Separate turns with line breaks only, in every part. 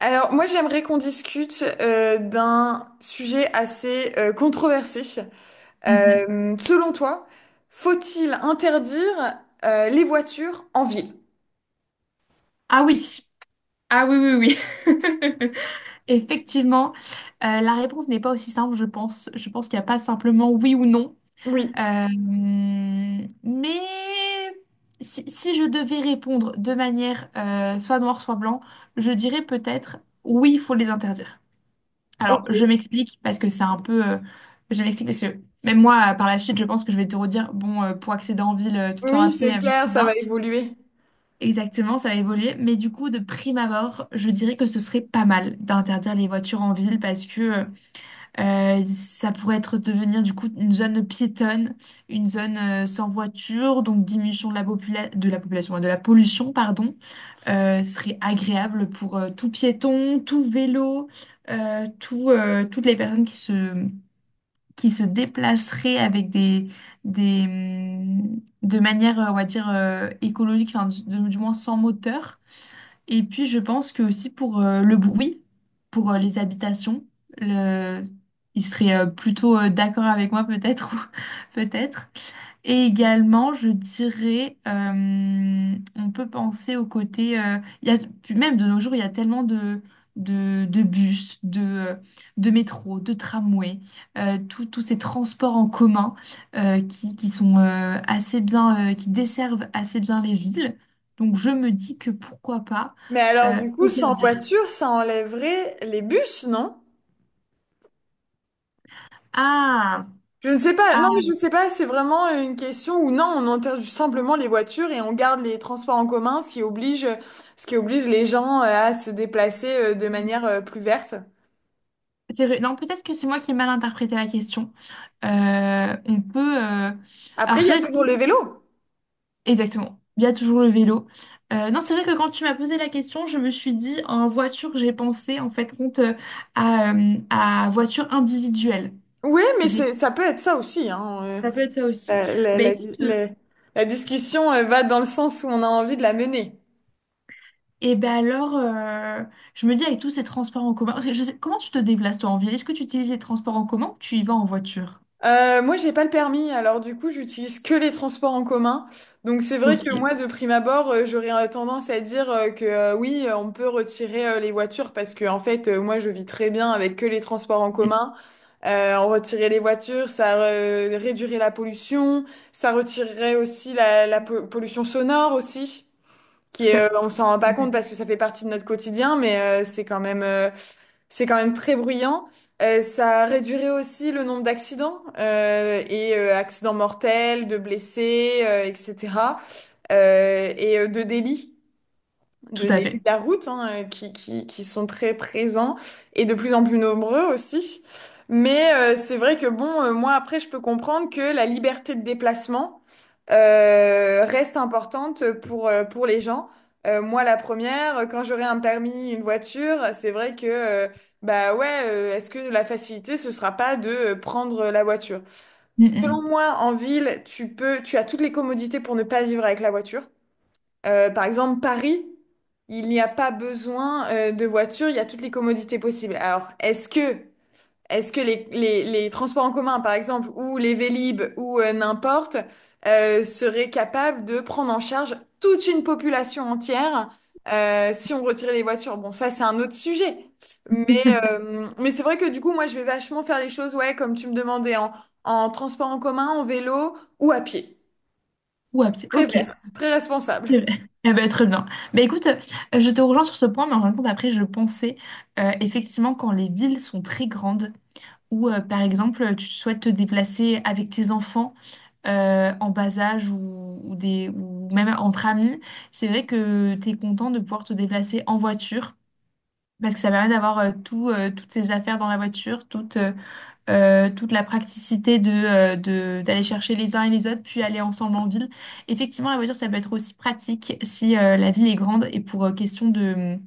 Alors, moi, j'aimerais qu'on discute d'un sujet assez controversé.
Mhm.
Selon toi, faut-il interdire les voitures en ville?
Ah oui, ah oui, oui, oui. Effectivement, la réponse n'est pas aussi simple, je pense. Je pense qu'il n'y a pas simplement oui ou non.
Oui,
Euh, mais si je devais répondre de manière soit noire, soit blanc, je dirais peut-être oui, il faut les interdire. Alors, je
ok.
m'explique parce que c'est un peu... je m'explique parce que même moi, par la suite, je pense que je vais te redire, bon, pour accéder en ville, tout le temps à
Oui,
pied,
c'est
merci
clair, ça va
bien.
évoluer.
Exactement, ça va évoluer. Mais du coup, de prime abord, je dirais que ce serait pas mal d'interdire les voitures en ville parce que ça pourrait être devenir du coup une zone piétonne, une zone sans voiture, donc diminution de la de la population, de la pollution, pardon. Ce serait agréable pour tout piéton, tout vélo, toutes les personnes qui se déplaceraient de manière, on va dire, écologique, enfin, du moins sans moteur. Et puis, je pense que aussi pour le bruit, pour les habitations, le... il serait plutôt d'accord avec moi peut-être, peut-être. Et également, je dirais, on peut penser au côté, il y a, puis même de nos jours, il y a tellement de bus, de métro, de tramway, euh, tous ces transports en commun qui sont assez bien, qui desservent assez bien les villes. Donc je me dis que pourquoi pas
Mais alors, du coup, sans
interdire.
voiture, ça enlèverait les bus, non?
Ah,
Je ne sais pas. Non, mais
ah,
je ne sais pas. C'est vraiment une question où non, on interdit simplement les voitures et on garde les transports en commun, ce qui oblige les gens à se déplacer de manière plus verte.
c'est vrai. Non, peut-être que c'est moi qui ai mal interprété la question. On peut. Euh,
Après,
alors,
il y a
c'est vrai que
toujours le vélo.
exactement. Il y a toujours le vélo. Non, c'est vrai que quand tu m'as posé la question, je me suis dit en voiture, j'ai pensé en fait compte à voiture individuelle.
Oui, mais
J'ai...
c'est, ça peut être ça aussi, hein.
Ça peut être ça aussi.
La, la-
Ben
la di-
écoute, euh,
la- la discussion va dans le sens où on a envie de la mener.
et ben alors, je me dis avec tous ces transports en commun, parce que comment tu te déplaces toi en ville? Est-ce que tu utilises les transports en commun ou tu y vas en voiture?
Moi, j'ai pas le permis, alors du coup, j'utilise que les transports en commun. Donc, c'est vrai que
Ok.
moi, de prime abord, j'aurais tendance à dire que oui, on peut retirer les voitures parce que, en fait, moi, je vis très bien avec que les transports en
Mm.
commun. On retirait les voitures, ça réduirait la pollution, ça retirerait aussi pollution sonore aussi,
Tout
qui est,
à tout
on s'en rend pas
à
compte
fait.
parce que ça fait partie de notre quotidien, mais c'est quand même très bruyant. Ça réduirait aussi le nombre d'accidents et accidents mortels, de blessés, etc. Et de délits
Tout
de
à
début de
fait.
la route hein, qui sont très présents et de plus en plus nombreux aussi. Mais c'est vrai que bon, moi après, je peux comprendre que la liberté de déplacement reste importante pour les gens. Moi, la première, quand j'aurai un permis, une voiture, c'est vrai que, bah ouais, est-ce que la facilité, ce sera pas de prendre la voiture?
Mm,
Selon
mm.
moi, en ville, tu peux, tu as toutes les commodités pour ne pas vivre avec la voiture. Par exemple, Paris, il n'y a pas besoin de voiture, il y a toutes les commodités possibles. Alors, est-ce que les transports en commun, par exemple, ou les Vélib, ou n'importe, seraient capables de prendre en charge toute une population entière si on retirait les voitures? Bon, ça, c'est un autre sujet. Mais, mais c'est vrai que du coup, moi, je vais vachement faire les choses, ouais, comme tu me demandais, en transport en commun, en vélo ou à pied.
Ou à pied.
Très
Ok.
vert, très responsable.
C'est vrai. Ah bah, très bien. Bah, écoute, je te rejoins sur ce point, mais en fin de compte, après, je pensais effectivement quand les villes sont très grandes, ou par exemple, tu souhaites te déplacer avec tes enfants en bas âge ou, ou même entre amis, c'est vrai que tu es content de pouvoir te déplacer en voiture, parce que ça permet d'avoir toutes ces affaires dans la voiture, toute la praticité d'aller chercher les uns et les autres, puis aller ensemble en ville. Effectivement, la voiture, ça peut être aussi pratique si la ville est grande et pour question de,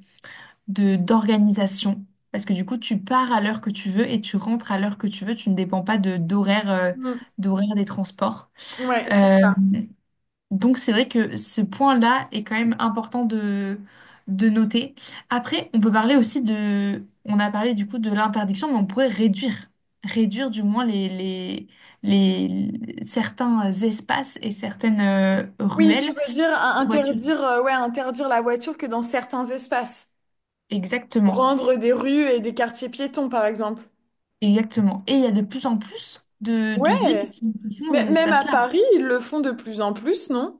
de- d'organisation. Parce que du coup, tu pars à l'heure que tu veux et tu rentres à l'heure que tu veux. Tu ne dépends pas d'horaire,
Mm.
d'horaire des transports.
Ouais, c'est
Euh,
ça.
donc c'est vrai que ce point-là est quand même important de noter. Après, on peut parler aussi de... On a parlé du coup de l'interdiction, mais on pourrait réduire, réduire du moins les certains espaces et certaines
Oui, tu
ruelles
veux dire
aux voitures.
interdire, ouais, interdire la voiture que dans certains espaces.
Exactement,
Rendre des rues et des quartiers piétons, par exemple.
exactement. Et il y a de plus en plus de villes
Ouais,
qui font
mais
ces
même à
espaces-là,
Paris, ils le font de plus en plus, non?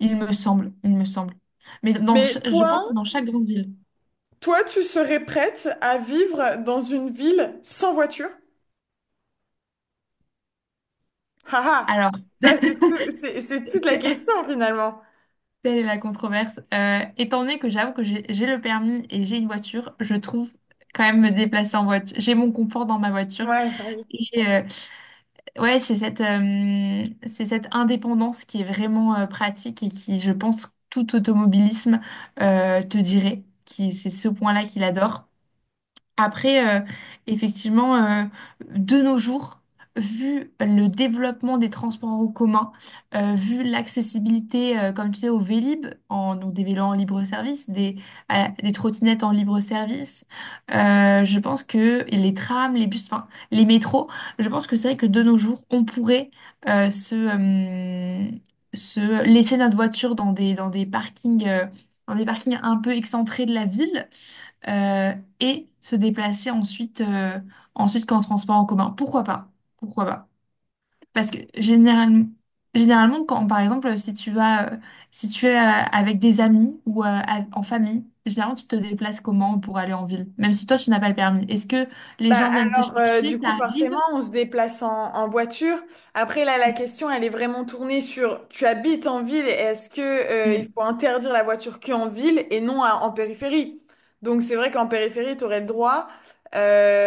il me semble, il me semble. Mais
Mais
je pense que
toi,
dans chaque grande ville.
toi, tu serais prête à vivre dans une ville sans voiture? Haha,
Alors...
c'est toute la question finalement.
Telle est la controverse. Étant donné que j'avoue que j'ai le permis et j'ai une voiture, je trouve quand même me déplacer en voiture. J'ai mon confort dans ma voiture.
Ouais, bah oui.
Et ouais, c'est c'est cette indépendance qui est vraiment pratique et qui, je pense, tout automobilisme te dirait. Qui, c'est ce point-là qu'il adore. Après, effectivement, de nos jours, vu le développement des transports en commun, vu l'accessibilité, comme tu sais, au Vélib, en, donc des vélos en libre service, des trottinettes en libre service, je pense que et les trams, les bus, enfin les métros, je pense que c'est vrai que de nos jours, on pourrait euh, se, euh, se laisser notre voiture dans des parkings un peu excentrés de la ville euh, et se déplacer ensuite, ensuite qu'en transport en commun. Pourquoi pas? Pourquoi pas? Parce que généralement, généralement quand, par exemple, si tu vas, si tu es avec des amis ou en famille, généralement, tu te déplaces comment pour aller en ville, même si toi, tu n'as pas le permis. Est-ce que les
Bah
gens viennent te
alors
chercher?
du coup
Ça arrive?
forcément on se déplace en voiture. Après là la
Mm,
question elle est vraiment tournée sur tu habites en ville et est-ce que il faut
mm,
interdire la voiture qu'en ville et non en périphérie. Donc c'est vrai qu'en périphérie tu aurais le droit.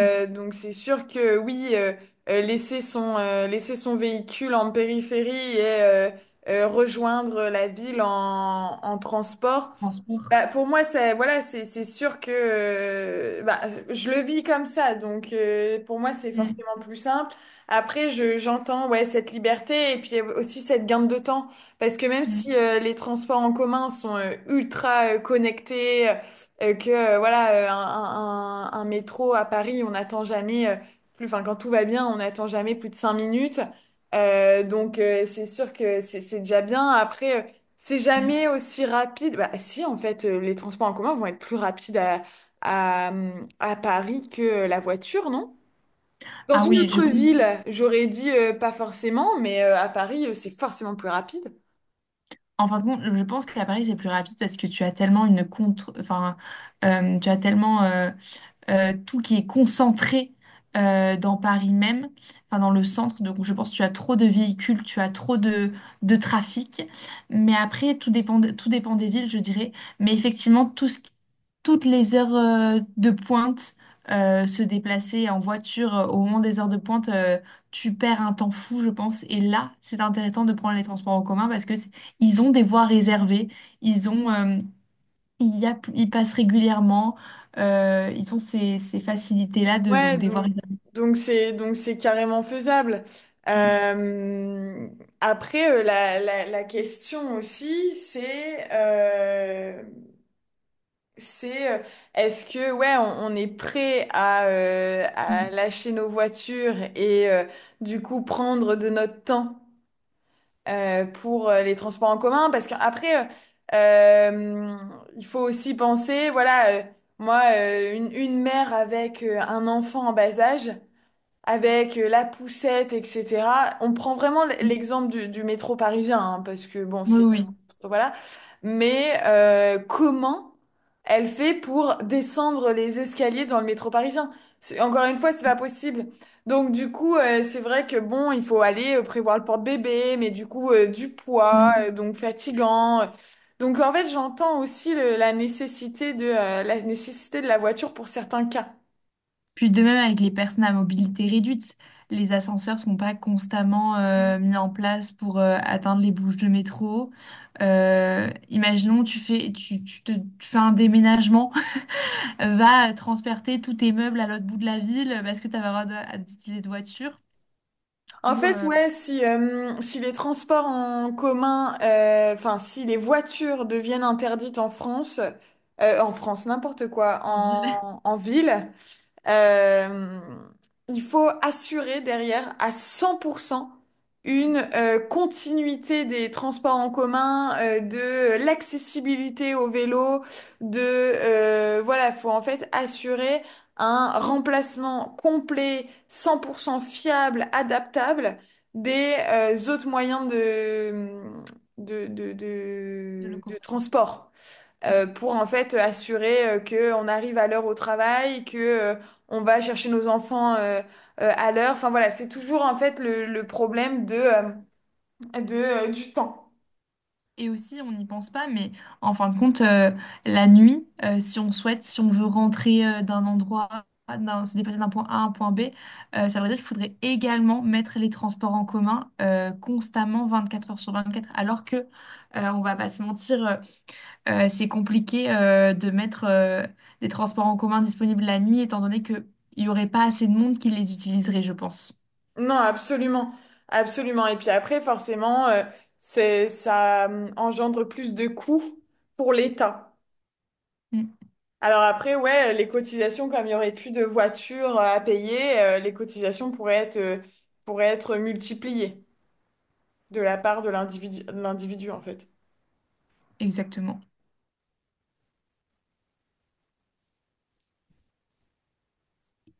mm.
Donc c'est sûr que oui laisser son véhicule en périphérie et rejoindre la ville en transport.
Transport.
Bah, pour moi, c'est voilà, c'est sûr que bah, je le vis comme ça, donc pour moi, c'est
Mm,
forcément plus simple. Après, je j'entends ouais cette liberté et puis aussi cette gain de temps, parce que même si
mm,
les transports en commun sont ultra connectés, que voilà un métro à Paris, on n'attend jamais plus, enfin quand tout va bien, on n'attend jamais plus de 5 minutes. Donc c'est sûr que c'est déjà bien. Après, c'est
mm.
jamais aussi rapide. Bah, si, en fait, les transports en commun vont être plus rapides à Paris que la voiture, non? Dans
Ah
une
oui, je
autre
pense,
ville, j'aurais dit pas forcément, mais à Paris, c'est forcément plus rapide.
en fin de compte, je pense qu'à Paris, c'est plus rapide parce que tu as tellement une contre, enfin, tu as tellement tout qui est concentré dans Paris même, enfin dans le centre. Donc je pense que tu as trop de véhicules, tu as trop de trafic. Mais après, tout dépend, tout dépend des villes, je dirais. Mais effectivement, toutes les heures de pointe, se déplacer en voiture au moment des heures de pointe, tu perds un temps fou, je pense. Et là, c'est intéressant de prendre les transports en commun parce que ils ont des voies réservées. Ils ont, il y a, ils passent régulièrement. Euh, ils ont ces facilités-là de donc
Ouais,
des voies
donc
réservées.
donc c'est donc c'est carrément faisable.
Mm,
Euh, Après, la question aussi, c'est C'est euh, est-ce que ouais on est prêt à
mm,
lâcher nos voitures et du coup prendre de notre temps pour les transports en commun parce qu'après euh, il faut aussi penser voilà moi une mère avec un enfant en bas âge avec la poussette etc. On prend vraiment
mm.
l'exemple du métro parisien hein, parce que bon
Oui, oui.
voilà. Mais comment elle fait pour descendre les escaliers dans le métro parisien? Encore une fois, c'est pas possible. Donc du coup, c'est vrai que bon, il faut aller prévoir le porte-bébé, mais du coup, du poids,
Mm.
donc fatigant. Donc en fait, j'entends aussi la nécessité de, la nécessité de la voiture pour certains cas.
Puis de même avec les personnes à mobilité réduite, les ascenseurs sont pas constamment mis en place pour atteindre les bouches de métro. Imaginons, tu fais, tu te- tu fais un déménagement, va transperter tous tes meubles à l'autre bout de la ville parce que tu n'as pas le droit d'utiliser de voiture
En
ou
fait, ouais, si, si les transports en commun, enfin, si les voitures deviennent interdites en France, n'importe quoi,
en ville
en ville, euh, il faut assurer derrière à 100% une continuité des transports en commun, de l'accessibilité au vélo, de voilà, faut en fait assurer un remplacement complet, 100% fiable, adaptable des autres moyens de,
de
de
locomotion.
transport
Mm.
pour en fait assurer que on arrive à l'heure au travail, que on va chercher nos enfants à l'heure. Enfin voilà, c'est toujours en fait le problème de, du temps.
Et aussi, on n'y pense pas, mais en fin de compte, la nuit, si on souhaite, si on veut rentrer d'un endroit, se déplacer d'un point A à un point B, ça veut dire qu'il faudrait également mettre les transports en commun constamment 24 heures sur 24. Alors que, on va pas se mentir, c'est compliqué de mettre des transports en commun disponibles la nuit, étant donné qu'il n'y aurait pas assez de monde qui les utiliserait, je pense.
Non, absolument, absolument. Et puis après, forcément, c'est, ça engendre plus de coûts pour l'État.
Mm,
Alors après, ouais, les cotisations, comme il n'y aurait plus de voitures à payer, les cotisations pourraient être multipliées de la part de l'individu, en fait.
exactement.